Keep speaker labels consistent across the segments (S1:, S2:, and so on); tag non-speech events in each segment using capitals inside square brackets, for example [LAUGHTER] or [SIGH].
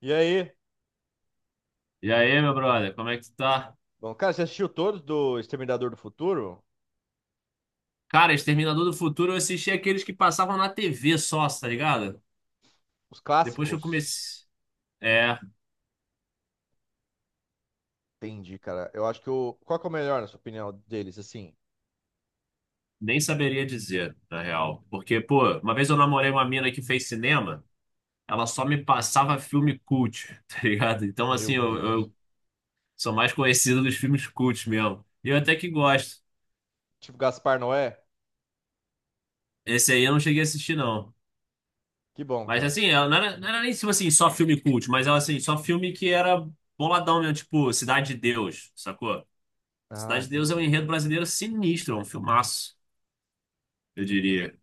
S1: E aí?
S2: E aí, meu brother, como é que tu tá?
S1: Bom, cara, você assistiu todos do Exterminador do Futuro?
S2: Cara, Exterminador do Futuro, eu assisti aqueles que passavam na TV só, tá ligado?
S1: Os
S2: Depois que eu
S1: clássicos?
S2: comecei. É,
S1: Entendi, cara. Eu acho que o. Qual que é o melhor, na sua opinião, deles, assim?
S2: nem saberia dizer, na real. Porque, pô, uma vez eu namorei uma mina que fez cinema, ela só me passava filme cult, [LAUGHS] tá ligado? Então,
S1: Meu
S2: assim, eu,
S1: Deus.
S2: eu sou mais conhecido dos filmes cult mesmo. E eu até que gosto.
S1: Tipo Gaspar Noé?
S2: Esse aí eu não cheguei a assistir, não.
S1: Que bom,
S2: Mas,
S1: cara.
S2: assim, ela não era nem tipo assim, só filme cult, mas ela, assim, só filme que era boladão mesmo, tipo Cidade de Deus, sacou?
S1: Ah,
S2: Cidade de Deus é um
S1: entendi.
S2: enredo brasileiro sinistro, é um filmaço, eu diria.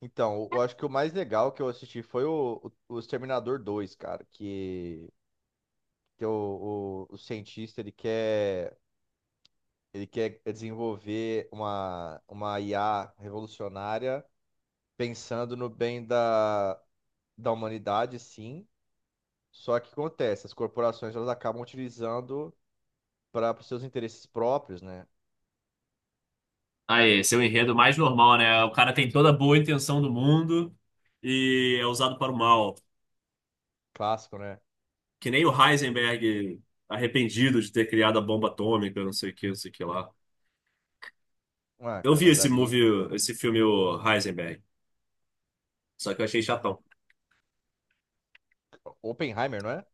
S1: Então, eu acho que o mais legal que eu assisti foi o Exterminador 2, cara, que o cientista, ele quer desenvolver uma IA revolucionária pensando no bem da humanidade, sim. Só que acontece, as corporações elas acabam utilizando para os seus interesses próprios, né?
S2: Ah é, esse é o enredo mais normal, né? O cara tem toda a boa intenção do mundo e é usado para o mal.
S1: Clássico, né?
S2: Que nem o Heisenberg arrependido de ter criado a bomba atômica, não sei o que, não sei o que lá.
S1: Ah,
S2: Eu
S1: cara,
S2: vi
S1: mas
S2: esse
S1: ali.
S2: movie, esse filme, o Heisenberg, só que eu achei chatão.
S1: Oppenheimer, não é?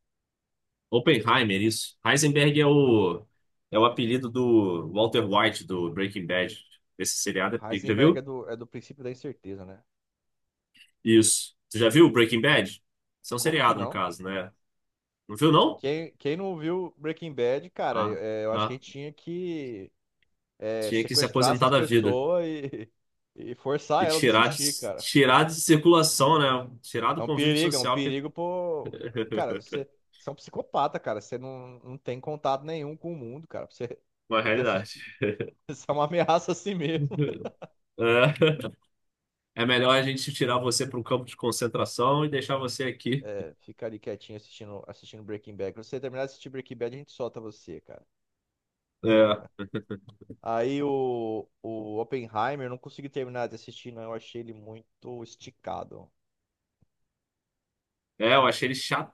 S2: Oppenheimer, isso. Heisenberg é o apelido do Walter White, do Breaking Bad. Esse seriado é pica. Já
S1: Heisenberg é
S2: viu?
S1: é do princípio da incerteza, né?
S2: Isso. Você já viu Breaking Bad? Isso é um
S1: Como que
S2: seriado, no
S1: não?
S2: caso, né? Não viu, não?
S1: Quem não viu Breaking Bad, cara,
S2: Ah,
S1: eu acho que a
S2: ah.
S1: gente tinha que
S2: Tinha que se
S1: sequestrar
S2: aposentar
S1: essas
S2: da vida
S1: pessoas e [LAUGHS] e forçar
S2: e
S1: elas a assistir, cara.
S2: tirar de circulação, né? Tirar do convívio
S1: É um
S2: social, que
S1: perigo, pô. Cara,
S2: [LAUGHS]
S1: você, você é um psicopata, cara. Você não tem contato nenhum com o mundo, cara. Pra você,
S2: uma
S1: [LAUGHS] tu ter
S2: realidade.
S1: [LAUGHS] isso é uma ameaça assim mesmo.
S2: É, é melhor a gente tirar você para um campo de concentração e deixar você aqui.
S1: É, fica ali quietinho assistindo, assistindo Breaking Bad. Quando você terminar de assistir Breaking Bad, a gente solta você, cara.
S2: É,
S1: Aí o Oppenheimer, eu não consegui terminar de assistir, não. Eu achei ele muito esticado.
S2: é, eu achei ele chato.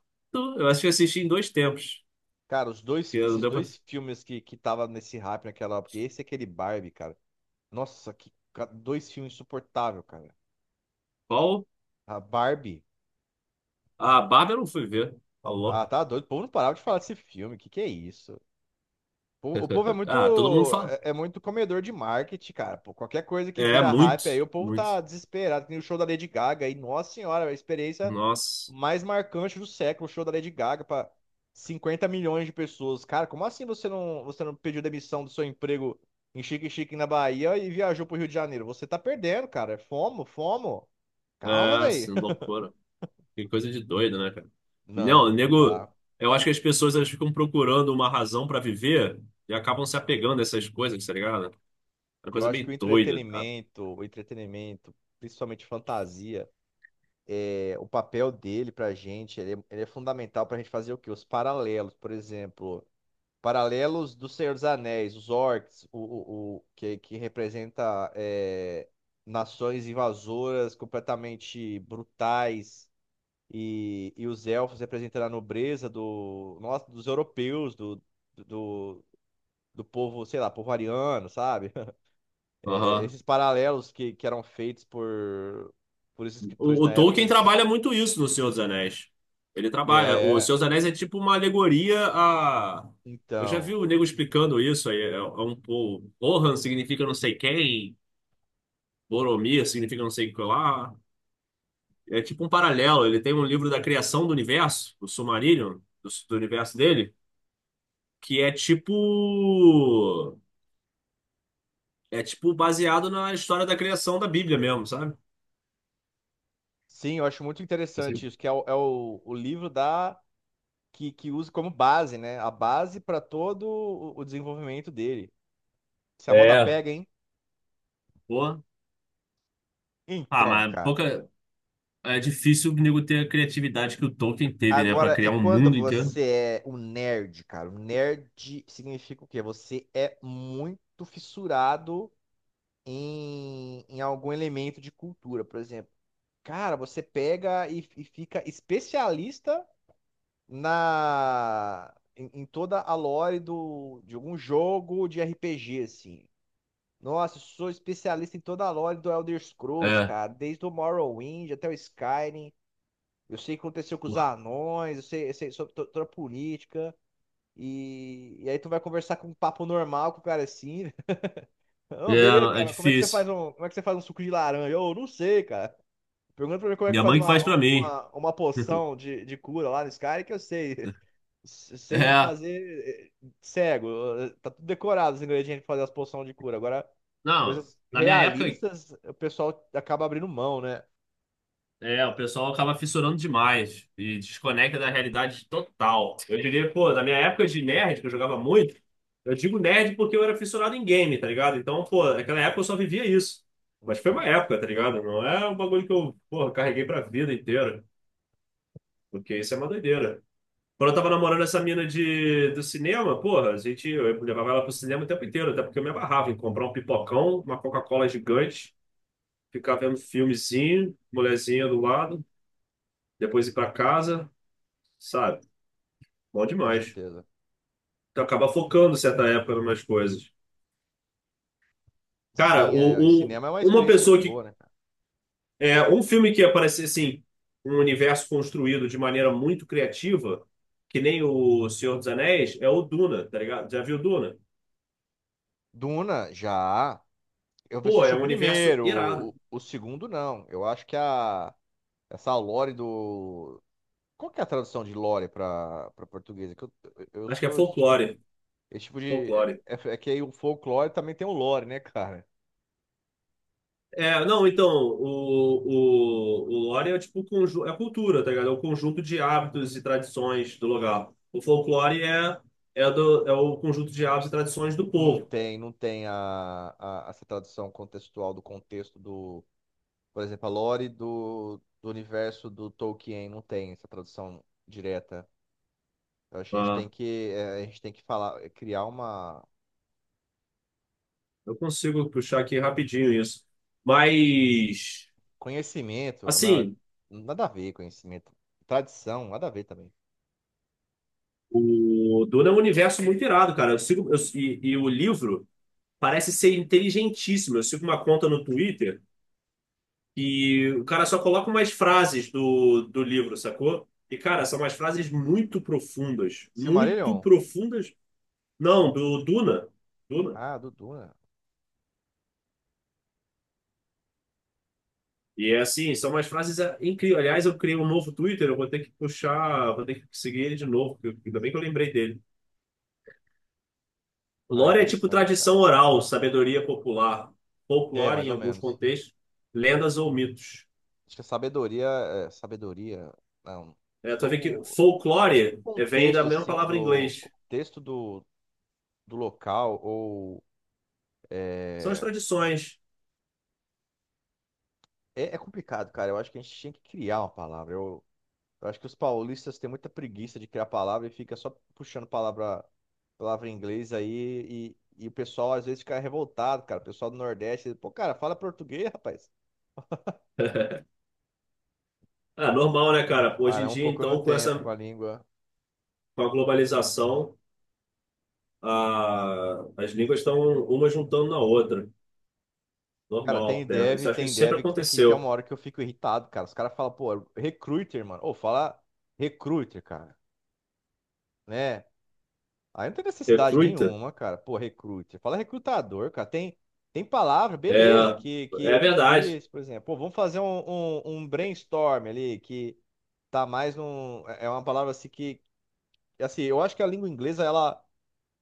S2: Eu acho que assisti em dois tempos.
S1: Cara, os dois,
S2: Porque não
S1: esses
S2: deu pra...
S1: dois filmes que tava nesse hype naquela época, esse e aquele Barbie, cara. Nossa, que dois filmes insuportáveis, cara.
S2: Qual?
S1: A Barbie.
S2: A Bárbara eu não fui ver. Tá
S1: Ah,
S2: louco.
S1: tá doido. O povo não parava de falar desse filme. Que é isso? O povo é
S2: [LAUGHS] Ah, todo mundo
S1: muito,
S2: fala.
S1: é é muito comedor de marketing, cara. Pô, qualquer coisa que
S2: É,
S1: vira
S2: muito,
S1: hype aí, o povo
S2: muito.
S1: tá desesperado. Tem o show da Lady Gaga aí, nossa senhora, a experiência
S2: Nossa,
S1: mais marcante do século, o show da Lady Gaga pra 50 milhões de pessoas. Cara, como assim você não pediu demissão do seu emprego em Xique-Xique na Bahia e viajou pro Rio de Janeiro? Você tá perdendo, cara. É Fomo, fomo. Calma,
S2: é,
S1: velho.
S2: assim,
S1: [LAUGHS]
S2: loucura. Que coisa de doido, né, cara? Não,
S1: Não, não
S2: nego,
S1: dá.
S2: eu acho que as pessoas elas ficam procurando uma razão pra viver e acabam se apegando a essas coisas, tá ligado? É uma
S1: Eu
S2: coisa
S1: acho que
S2: meio doida, tá?
S1: o entretenimento, principalmente fantasia. É, o papel dele pra gente, ele é fundamental pra gente fazer o quê? Os paralelos, por exemplo, paralelos do Senhor dos Anéis, os orcs, que representa é, nações invasoras completamente brutais, e os elfos representando a nobreza do, nossa, dos europeus, do, do povo, sei lá, povo ariano, sabe? [LAUGHS] é,
S2: Aham.
S1: esses paralelos que eram feitos por esses escritores
S2: O,
S1: na
S2: o Tolkien
S1: época.
S2: trabalha muito isso no Senhor dos Anéis. Ele trabalha. O
S1: É,
S2: Senhor dos Anéis é tipo uma alegoria a. Eu já vi
S1: então.
S2: o nego explicando isso aí. É, é um pouco. Rohan significa não sei quem, Boromir significa não sei o que lá. É tipo um paralelo. Ele tem um livro da criação do universo, o Silmarillion, do universo dele, que é tipo. É tipo baseado na história da criação da Bíblia mesmo, sabe?
S1: Sim, eu acho muito
S2: Esse-
S1: interessante isso, que é o, é o livro da que usa como base, né? A base para todo o desenvolvimento dele. Se a moda
S2: é,
S1: pega, hein?
S2: pô. Ah,
S1: Então,
S2: mas
S1: cara.
S2: pouca. É difícil o nego ter a criatividade que o Tolkien teve, né? Pra
S1: Agora, e
S2: criar um
S1: quando
S2: mundo inteiro.
S1: você é um nerd, cara? Um nerd significa o quê? Você é muito fissurado em algum elemento de cultura, por exemplo. Cara, você pega e fica especialista em toda a lore do, de algum jogo de RPG, assim. Nossa, eu sou especialista em toda a lore do Elder Scrolls,
S2: É.
S1: cara. Desde o Morrowind até o Skyrim. Eu sei o que aconteceu com os
S2: Porra.
S1: anões, eu sei sobre toda a política. E aí tu vai conversar com um papo normal com o cara assim. [LAUGHS]
S2: É,
S1: Ô, beleza,
S2: não, é
S1: cara,
S2: difícil.
S1: como é que você faz um suco de laranja? Eu não sei, cara. Pergunta pra mim como é que
S2: Minha
S1: faz
S2: mãe que faz pra mim.
S1: uma poção
S2: [LAUGHS]
S1: de cura lá no Skyrim que eu sei sei
S2: É.
S1: fazer cego. Tá tudo decorado os ingredientes pra fazer as poções de cura. Agora,
S2: Não,
S1: coisas
S2: na minha época.
S1: realistas, o pessoal acaba abrindo mão, né?
S2: É, o pessoal acaba fissurando demais e desconecta da realidade total. Eu diria, pô, na minha época de nerd, que eu jogava muito, eu digo nerd porque eu era fissurado em game, tá ligado? Então, pô, naquela época eu só vivia isso. Mas foi uma
S1: Então,
S2: época, tá ligado? Não é um bagulho que eu, porra, carreguei pra vida inteira, porque isso é uma doideira. Quando eu tava namorando essa mina de, do cinema, porra, a gente, eu levava ela pro cinema o tempo inteiro, até porque eu me abarrava em comprar um pipocão, uma Coca-Cola gigante, ficar vendo filmezinho, mulherzinha do lado, depois ir pra casa sabe? Bom
S1: com
S2: demais.
S1: certeza.
S2: Tu acaba focando certa época em umas coisas. Cara,
S1: Sim, é,
S2: o,
S1: o
S2: um-
S1: cinema é uma
S2: uma
S1: experiência muito
S2: pessoa que.
S1: boa, né, cara?
S2: É, um filme que aparecer assim, um universo construído de maneira muito criativa, que nem o Senhor dos Anéis, é o Duna, tá ligado? Já viu Duna?
S1: Duna, já. Eu
S2: Pô,
S1: assisti
S2: é
S1: o
S2: um universo
S1: primeiro,
S2: irado.
S1: o segundo não. Eu acho que a essa lore do. Qual que é a tradução de lore para para português? Eu
S2: Acho que é
S1: sou esse tipo de.
S2: folclore.
S1: Esse tipo de.
S2: Folclore.
S1: É, é que aí o folclore também tem o lore, né, cara?
S2: É, não, então, o lore é tipo conju- é cultura, tá ligado? É o conjunto de hábitos e tradições do lugar. O folclore é, é, do, é o conjunto de hábitos e tradições do povo.
S1: Não tem essa tradução contextual do contexto do, por exemplo, a lore do universo do Tolkien não tem essa tradução direta. Eu acho que a gente tem
S2: Ah,
S1: que, a gente tem que falar, criar uma
S2: eu consigo puxar aqui rapidinho isso. Mas,
S1: conhecimento, não,
S2: assim,
S1: nada a ver conhecimento, tradição, nada a ver também.
S2: o Duna é um universo muito irado, cara. Eu sigo, eu- e o livro parece ser inteligentíssimo. Eu sigo uma conta no Twitter. E o cara só coloca umas frases do livro, sacou? E, cara, são umas frases muito profundas. Muito
S1: Silmarillion?
S2: profundas. Não, do Duna. Duna.
S1: Ah, do Duna.
S2: E é assim, são umas frases incríveis. Aliás, eu criei um novo Twitter, eu vou ter que puxar, vou ter que seguir ele de novo, porque eu- ainda bem que eu lembrei dele.
S1: Ah,
S2: Lore é tipo
S1: interessante, cara.
S2: tradição oral, sabedoria popular,
S1: É,
S2: folclore
S1: mais
S2: em
S1: ou
S2: alguns
S1: menos.
S2: contextos, lendas ou mitos.
S1: Acho que a sabedoria, é, sabedoria, não,
S2: É, tu
S1: é
S2: vai ver que
S1: o é tipo o
S2: folclore vem da
S1: contexto
S2: mesma
S1: assim
S2: palavra em
S1: do
S2: inglês.
S1: contexto do do local ou
S2: São as
S1: é...
S2: tradições.
S1: é é complicado, cara. Eu acho que a gente tinha que criar uma palavra. Eu acho que os paulistas têm muita preguiça de criar palavra e fica só puxando palavra palavra em inglês aí e o pessoal às vezes fica revoltado, cara. O pessoal do Nordeste, pô, cara, fala português, rapaz.
S2: É normal, né, cara? Hoje em
S1: Parar um
S2: dia,
S1: pouco no
S2: então, com
S1: tempo
S2: essa,
S1: com a língua.
S2: com a globalização, a, as línguas estão uma juntando na outra.
S1: Cara,
S2: Normal, né? Isso, acho que
S1: tem
S2: isso sempre
S1: dev que tem uma
S2: aconteceu.
S1: hora que eu fico irritado, cara. Os caras falam, pô, recruiter, mano. Ou fala recruiter, cara, né? Aí não tem necessidade
S2: Recruta,
S1: nenhuma, cara. Pô, recrute. Fala recrutador, cara. Tem, tem palavra,
S2: é,
S1: beleza, que é
S2: é verdade.
S1: difícil, por exemplo. Pô, vamos fazer um brainstorm ali, que tá mais num. É é uma palavra assim que. Assim, eu acho que a língua inglesa, ela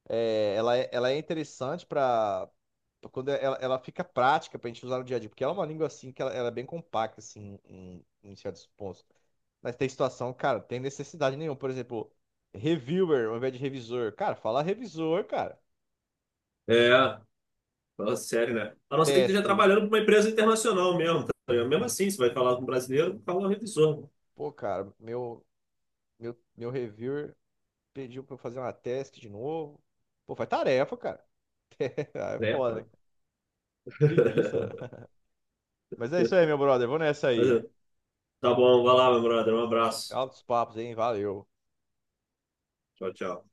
S1: é, ela é interessante pra. Pra quando ela fica prática pra gente usar no dia a dia, porque ela é uma língua assim que ela é bem compacta, assim, em certos pontos. Mas tem situação, cara, tem necessidade nenhuma. Por exemplo, reviewer ao invés de revisor. Cara, fala revisor, cara.
S2: É, fala sério, né? A não ser que esteja
S1: Task.
S2: trabalhando para uma empresa internacional mesmo, tá? Mesmo assim, você vai falar com um brasileiro, fala um revisor.
S1: Pô, cara, meu reviewer pediu pra eu fazer uma task de novo. Pô, faz tarefa, cara. [LAUGHS] Ah, é foda,
S2: Trepa.
S1: né? Preguiça.
S2: [LAUGHS]
S1: [LAUGHS] Mas é isso aí, meu brother. Vou nessa
S2: Mas,
S1: aí.
S2: é, tá bom, vai lá, meu brother. Um abraço.
S1: Altos papos, hein? Valeu.
S2: Tchau, tchau.